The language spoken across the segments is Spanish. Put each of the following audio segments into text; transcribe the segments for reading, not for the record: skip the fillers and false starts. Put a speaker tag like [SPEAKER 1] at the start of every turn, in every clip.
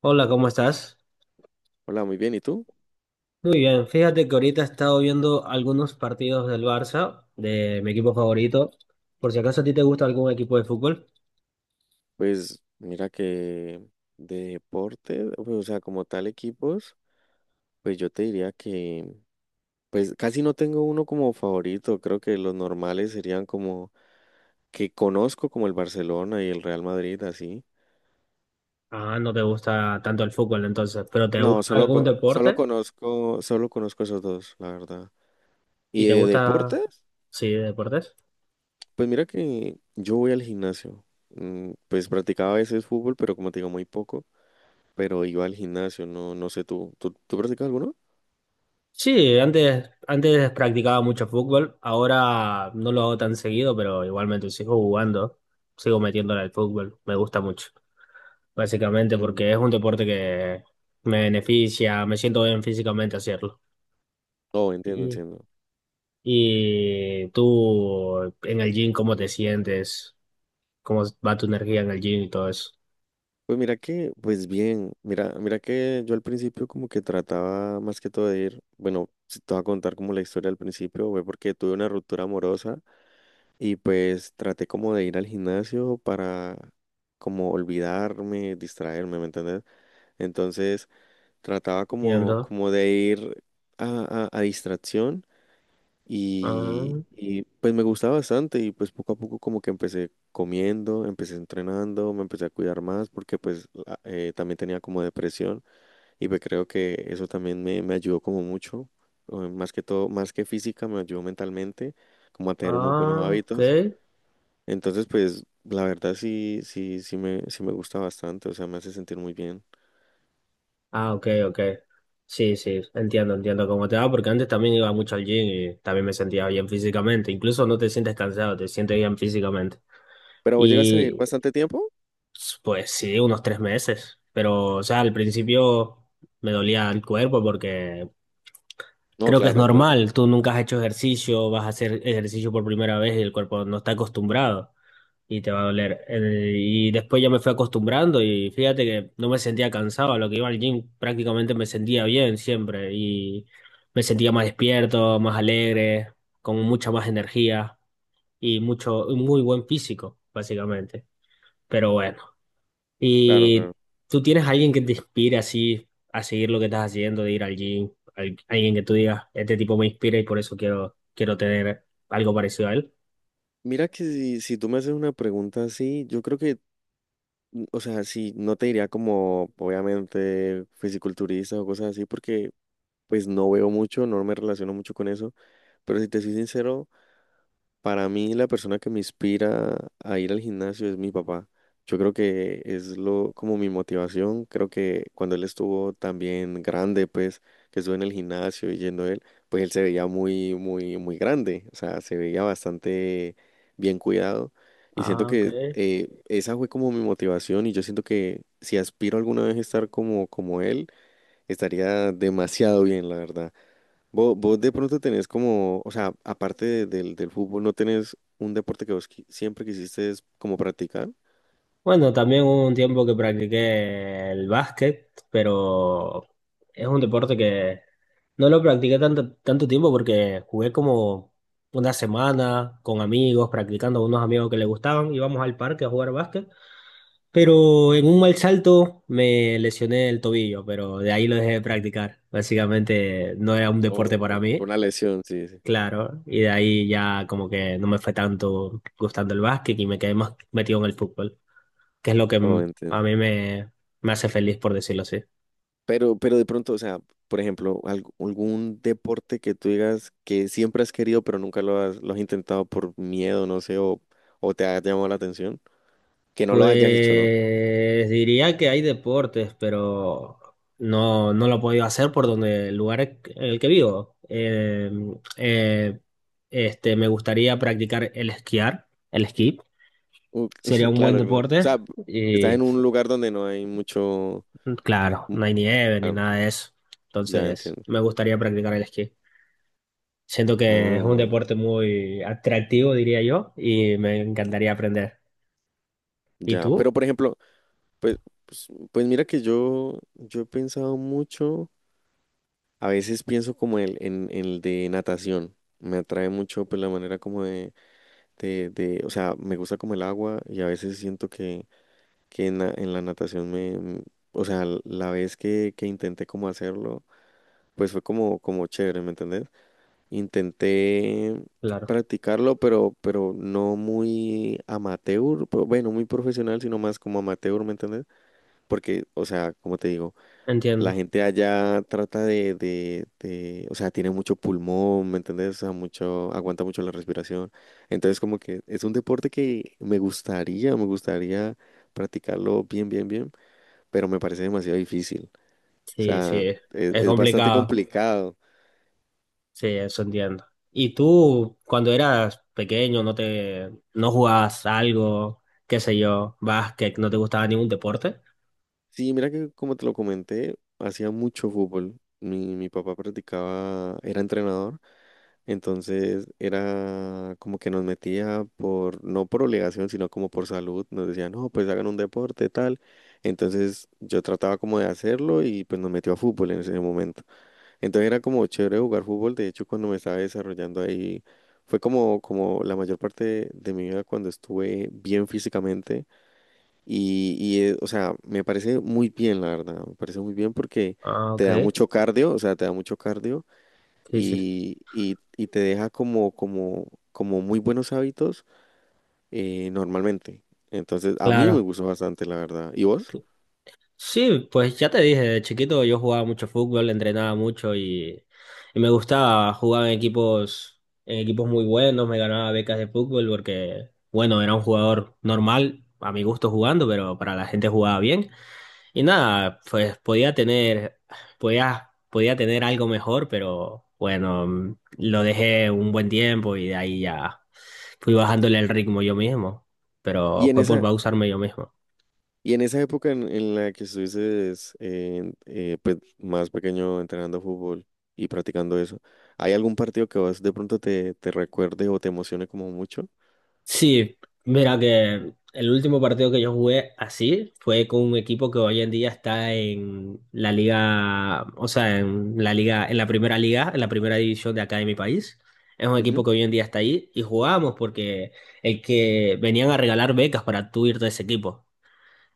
[SPEAKER 1] Hola, ¿cómo estás?
[SPEAKER 2] Hola, muy bien. ¿Y tú?
[SPEAKER 1] Muy bien, fíjate que ahorita he estado viendo algunos partidos del Barça, de mi equipo favorito. Por si acaso a ti te gusta algún equipo de fútbol.
[SPEAKER 2] Pues mira que de deporte, pues, o sea, como tal equipos, pues yo te diría que, pues casi no tengo uno como favorito. Creo que los normales serían como que conozco como el Barcelona y el Real Madrid, así.
[SPEAKER 1] Ah, no te gusta tanto el fútbol entonces, pero ¿te
[SPEAKER 2] No,
[SPEAKER 1] gusta
[SPEAKER 2] solo,
[SPEAKER 1] algún deporte?
[SPEAKER 2] solo conozco esos dos, la verdad.
[SPEAKER 1] ¿Y
[SPEAKER 2] Y
[SPEAKER 1] te
[SPEAKER 2] de
[SPEAKER 1] gusta,
[SPEAKER 2] deportes,
[SPEAKER 1] sí, deportes?
[SPEAKER 2] pues mira que yo voy al gimnasio. Pues practicaba a veces fútbol, pero como te digo, muy poco. Pero iba al gimnasio, no, no sé tú. ¿Tú practicas alguno?
[SPEAKER 1] Sí, antes practicaba mucho fútbol, ahora no lo hago tan seguido, pero igualmente sigo jugando, sigo metiéndole al fútbol, me gusta mucho, básicamente porque es un deporte que me beneficia, me siento bien físicamente hacerlo.
[SPEAKER 2] Oh, entiendo, entiendo.
[SPEAKER 1] Y tú en el gym, ¿cómo te sientes? ¿Cómo va tu energía en el gym y todo eso?
[SPEAKER 2] Pues mira que, pues bien, mira, mira que yo al principio como que trataba más que todo de ir, bueno, si te voy a contar como la historia al principio, fue porque tuve una ruptura amorosa y pues traté como de ir al gimnasio para como olvidarme, distraerme, ¿me entiendes? Entonces trataba como,
[SPEAKER 1] Entiendo.
[SPEAKER 2] como de ir a distracción.
[SPEAKER 1] Ah,
[SPEAKER 2] Pues me gustaba bastante y pues poco a poco como que empecé comiendo, empecé entrenando, me empecé a cuidar más porque pues también tenía como depresión y pues creo que eso también me ayudó como mucho, más que todo, más que física, me ayudó mentalmente como a tener unos buenos
[SPEAKER 1] ah, ok.
[SPEAKER 2] hábitos. Entonces pues la verdad sí, sí, sí me gusta bastante, o sea, me hace sentir muy bien.
[SPEAKER 1] Ah, ok, ok. Sí, sí, entiendo, entiendo cómo te va, porque antes también iba mucho al gym y también me sentía bien físicamente. Incluso no te sientes cansado, te sientes bien físicamente.
[SPEAKER 2] ¿Pero vos llegaste a ir
[SPEAKER 1] Y
[SPEAKER 2] bastante tiempo?
[SPEAKER 1] pues sí, unos tres meses. Pero, o sea, al principio me dolía el cuerpo porque
[SPEAKER 2] No,
[SPEAKER 1] creo que es
[SPEAKER 2] claro, claro,
[SPEAKER 1] normal, tú nunca has hecho ejercicio, vas a hacer ejercicio por primera vez y el cuerpo no está acostumbrado y te va a doler. Y después ya me fui acostumbrando y fíjate que no me sentía cansado, a lo que iba al gym prácticamente me sentía bien siempre y me sentía más despierto, más alegre, con mucha más energía y mucho, un muy buen físico, básicamente. Pero bueno.
[SPEAKER 2] claro, claro.
[SPEAKER 1] ¿Y tú tienes a alguien que te inspire así a seguir lo que estás haciendo, de ir al gym? Alguien que tú digas, este tipo me inspira y por eso quiero, quiero tener algo parecido a él.
[SPEAKER 2] Mira que si tú me haces una pregunta así, yo creo que o sea, sí, no te diría como, obviamente, fisiculturista o cosas así, porque pues no veo mucho, no me relaciono mucho con eso, pero si te soy sincero, para mí, la persona que me inspira a ir al gimnasio es mi papá. Yo creo que es lo como mi motivación. Creo que cuando él estuvo también grande, pues que estuve en el gimnasio y yendo él, pues él se veía muy, muy, muy grande. O sea, se veía bastante bien cuidado. Y siento
[SPEAKER 1] Ah, ok.
[SPEAKER 2] que esa fue como mi motivación. Y yo siento que si aspiro alguna vez a estar como, como él, estaría demasiado bien, la verdad. Vos de pronto tenés como, o sea, aparte del, del fútbol, ¿no tenés un deporte que vos siempre quisiste es como practicar?
[SPEAKER 1] Bueno, también hubo un tiempo que practiqué el básquet, pero es un deporte que no lo practiqué tanto, tanto tiempo porque jugué como una semana con amigos, practicando con unos amigos que le gustaban, íbamos al parque a jugar básquet. Pero en un mal salto me lesioné el tobillo, pero de ahí lo dejé de practicar. Básicamente no era un deporte
[SPEAKER 2] O
[SPEAKER 1] para
[SPEAKER 2] ya, por
[SPEAKER 1] mí,
[SPEAKER 2] una lesión, sí, sí.
[SPEAKER 1] claro, y de ahí ya como que no me fue tanto gustando el básquet y me quedé más metido en el fútbol, que es lo que
[SPEAKER 2] Oh, entiendo.
[SPEAKER 1] a mí me, me hace feliz, por decirlo así.
[SPEAKER 2] Pero de pronto, o sea, por ejemplo, algún deporte que tú digas que siempre has querido, pero nunca lo has, lo has intentado por miedo, no sé, o te ha llamado la atención, que no lo hayas hecho, ¿no?
[SPEAKER 1] Pues diría que hay deportes, pero no, no lo he podido hacer por donde el lugar en el que vivo. Eh, Me gustaría practicar el esquiar, el esquí.
[SPEAKER 2] Uh,
[SPEAKER 1] Sería un buen
[SPEAKER 2] claro, claro. O
[SPEAKER 1] deporte.
[SPEAKER 2] sea, estás
[SPEAKER 1] Y
[SPEAKER 2] en un lugar donde no hay mucho...
[SPEAKER 1] claro,
[SPEAKER 2] mm,
[SPEAKER 1] no hay nieve ni
[SPEAKER 2] Claro,
[SPEAKER 1] nada de eso.
[SPEAKER 2] ya
[SPEAKER 1] Entonces,
[SPEAKER 2] entiendo.
[SPEAKER 1] me gustaría practicar el esquí. Siento que es un
[SPEAKER 2] Oh,
[SPEAKER 1] deporte muy atractivo, diría yo, y me encantaría aprender. ¿Y
[SPEAKER 2] ya. Pero,
[SPEAKER 1] tú?
[SPEAKER 2] por ejemplo, pues, pues, pues mira que yo he pensado mucho, a veces pienso como en el de natación, me atrae mucho pues la manera como de, o sea, me gusta como el agua y a veces siento que en la natación o sea, la vez que intenté como hacerlo, pues fue como, como chévere, ¿me entendés? Intenté
[SPEAKER 1] Claro,
[SPEAKER 2] practicarlo, pero no muy amateur, pero bueno, muy profesional, sino más como amateur, ¿me entendés? Porque, o sea, como te digo. La
[SPEAKER 1] entiendo.
[SPEAKER 2] gente allá trata de, o sea, tiene mucho pulmón, ¿me entiendes? O sea, mucho, aguanta mucho la respiración. Entonces, como que es un deporte que me gustaría practicarlo bien, bien, bien, pero me parece demasiado difícil. O
[SPEAKER 1] Sí,
[SPEAKER 2] sea,
[SPEAKER 1] sí, es
[SPEAKER 2] es bastante
[SPEAKER 1] complicado.
[SPEAKER 2] complicado.
[SPEAKER 1] Sí, eso entiendo. ¿Y tú, cuando eras pequeño, no te, no jugabas algo, qué sé yo, básquet, no te gustaba ningún deporte?
[SPEAKER 2] Sí, mira que como te lo comenté, hacía mucho fútbol. Mi papá practicaba, era entrenador. Entonces era como que nos metía por, no por obligación, sino como por salud. Nos decía, no, pues hagan un deporte, tal. Entonces yo trataba como de hacerlo y pues nos metió a fútbol en ese momento. Entonces era como chévere jugar fútbol. De hecho, cuando me estaba desarrollando ahí, fue como, como la mayor parte de mi vida cuando estuve bien físicamente. O sea, me parece muy bien, la verdad. Me parece muy bien porque
[SPEAKER 1] Ah,
[SPEAKER 2] te
[SPEAKER 1] ok.
[SPEAKER 2] da mucho cardio, o sea, te da mucho cardio
[SPEAKER 1] Sí, sí.
[SPEAKER 2] y te deja como, como, como muy buenos hábitos normalmente. Entonces, a mí me
[SPEAKER 1] Claro.
[SPEAKER 2] gustó bastante, la verdad. ¿Y vos?
[SPEAKER 1] Sí, pues ya te dije, de chiquito yo jugaba mucho fútbol, entrenaba mucho y me gustaba jugar en equipos muy buenos, me ganaba becas de fútbol porque, bueno, era un jugador normal, a mi gusto jugando, pero para la gente jugaba bien. Y nada, pues podía tener, podía tener algo mejor, pero bueno, lo dejé un buen tiempo y de ahí ya fui bajándole el ritmo yo mismo,
[SPEAKER 2] Y
[SPEAKER 1] pero
[SPEAKER 2] en
[SPEAKER 1] fue por
[SPEAKER 2] esa,
[SPEAKER 1] pausarme yo mismo.
[SPEAKER 2] y en esa época en la que estuviste pues, más pequeño entrenando fútbol y practicando eso, ¿hay algún partido que vos de pronto te, te recuerde o te emocione como mucho?
[SPEAKER 1] Sí, mira que el último partido que yo jugué así fue con un equipo que hoy en día está en la liga, o sea, en la liga, en la primera liga, en la primera división de acá de mi país. Es un equipo
[SPEAKER 2] Ujú,
[SPEAKER 1] que hoy en día está ahí y jugábamos porque el que venían a regalar becas para tú irte a ese equipo.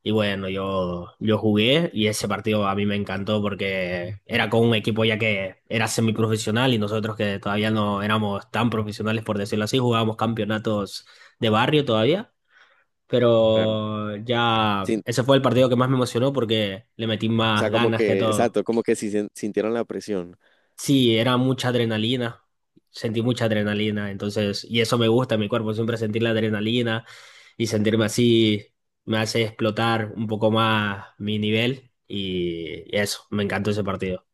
[SPEAKER 1] Y bueno, yo jugué y ese partido a mí me encantó porque era con un equipo ya que era semiprofesional y nosotros que todavía no éramos tan profesionales, por decirlo así, jugábamos campeonatos de barrio todavía.
[SPEAKER 2] claro.
[SPEAKER 1] Pero ya
[SPEAKER 2] Sin-
[SPEAKER 1] ese fue el partido que más me emocionó porque le metí
[SPEAKER 2] o
[SPEAKER 1] más
[SPEAKER 2] sea, como
[SPEAKER 1] ganas que
[SPEAKER 2] que,
[SPEAKER 1] todo.
[SPEAKER 2] exacto, como que si sintieron la presión.
[SPEAKER 1] Sí, era mucha adrenalina, sentí mucha adrenalina, entonces, y eso me gusta, mi cuerpo siempre sentir la adrenalina y sentirme así me hace explotar un poco más mi nivel y eso, me encantó ese partido,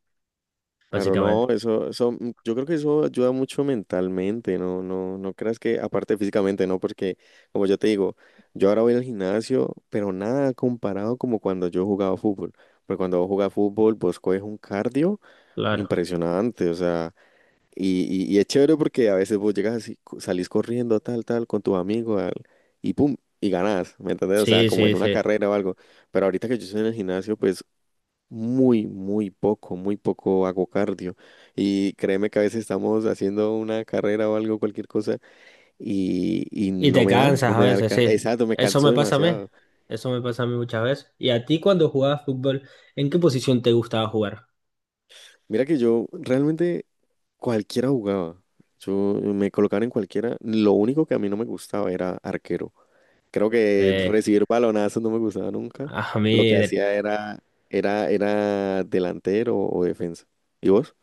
[SPEAKER 2] Claro, no,
[SPEAKER 1] básicamente.
[SPEAKER 2] eso, yo creo que eso ayuda mucho mentalmente, no, no, no creas que, aparte físicamente, no, porque como yo te digo, yo ahora voy al gimnasio, pero nada comparado como cuando yo jugaba fútbol, porque cuando vos jugás fútbol, vos coges un cardio
[SPEAKER 1] Claro.
[SPEAKER 2] impresionante, o sea, y, y es chévere porque a veces vos llegas así, salís corriendo tal, tal, con tus amigos, y pum, y ganás, ¿me entendés? O sea,
[SPEAKER 1] Sí,
[SPEAKER 2] como
[SPEAKER 1] sí,
[SPEAKER 2] en una
[SPEAKER 1] sí.
[SPEAKER 2] carrera o algo, pero ahorita que yo estoy en el gimnasio, pues muy, muy poco hago cardio. Y créeme que a veces estamos haciendo una carrera o algo, cualquier cosa, y
[SPEAKER 1] Y
[SPEAKER 2] no
[SPEAKER 1] te
[SPEAKER 2] me da, no
[SPEAKER 1] cansas a
[SPEAKER 2] me da
[SPEAKER 1] veces, sí.
[SPEAKER 2] exacto, me
[SPEAKER 1] Eso
[SPEAKER 2] canso
[SPEAKER 1] me pasa a mí.
[SPEAKER 2] demasiado.
[SPEAKER 1] Eso me pasa a mí muchas veces. ¿Y a ti cuando jugabas fútbol, en qué posición te gustaba jugar?
[SPEAKER 2] Mira que yo realmente cualquiera jugaba. Yo me colocaron en cualquiera. Lo único que a mí no me gustaba era arquero. Creo que
[SPEAKER 1] Que
[SPEAKER 2] recibir balonazos no me gustaba nunca.
[SPEAKER 1] a
[SPEAKER 2] Lo
[SPEAKER 1] mí,
[SPEAKER 2] que hacía era, era delantero o defensa. ¿Y vos?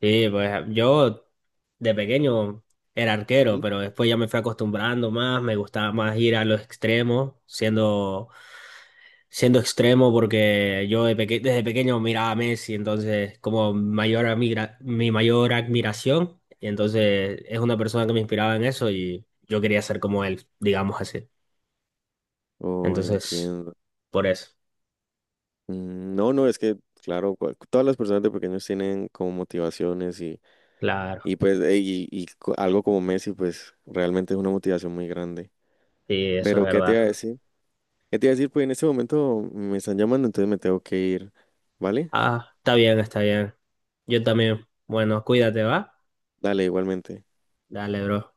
[SPEAKER 1] sí, pues yo de pequeño era arquero,
[SPEAKER 2] Ujú.
[SPEAKER 1] pero después ya me fui acostumbrando más, me gustaba más ir a los extremos, siendo siendo extremo porque yo desde pequeño miraba a Messi, entonces como mayor mi mayor admiración, y entonces es una persona que me inspiraba en eso y yo quería ser como él, digamos así.
[SPEAKER 2] Oh,
[SPEAKER 1] Entonces,
[SPEAKER 2] entiendo.
[SPEAKER 1] por eso,
[SPEAKER 2] No, no, es que, claro, todas las personas de pequeños tienen como motivaciones y
[SPEAKER 1] claro,
[SPEAKER 2] pues, y algo como Messi, pues realmente es una motivación muy grande.
[SPEAKER 1] sí, eso es
[SPEAKER 2] Pero, ¿qué te
[SPEAKER 1] verdad.
[SPEAKER 2] iba a decir? ¿Qué te iba a decir? Pues en este momento me están llamando, entonces me tengo que ir, ¿vale?
[SPEAKER 1] Ah, está bien, está bien. Yo también. Bueno, cuídate, ¿va?
[SPEAKER 2] Dale, igualmente.
[SPEAKER 1] Dale, bro.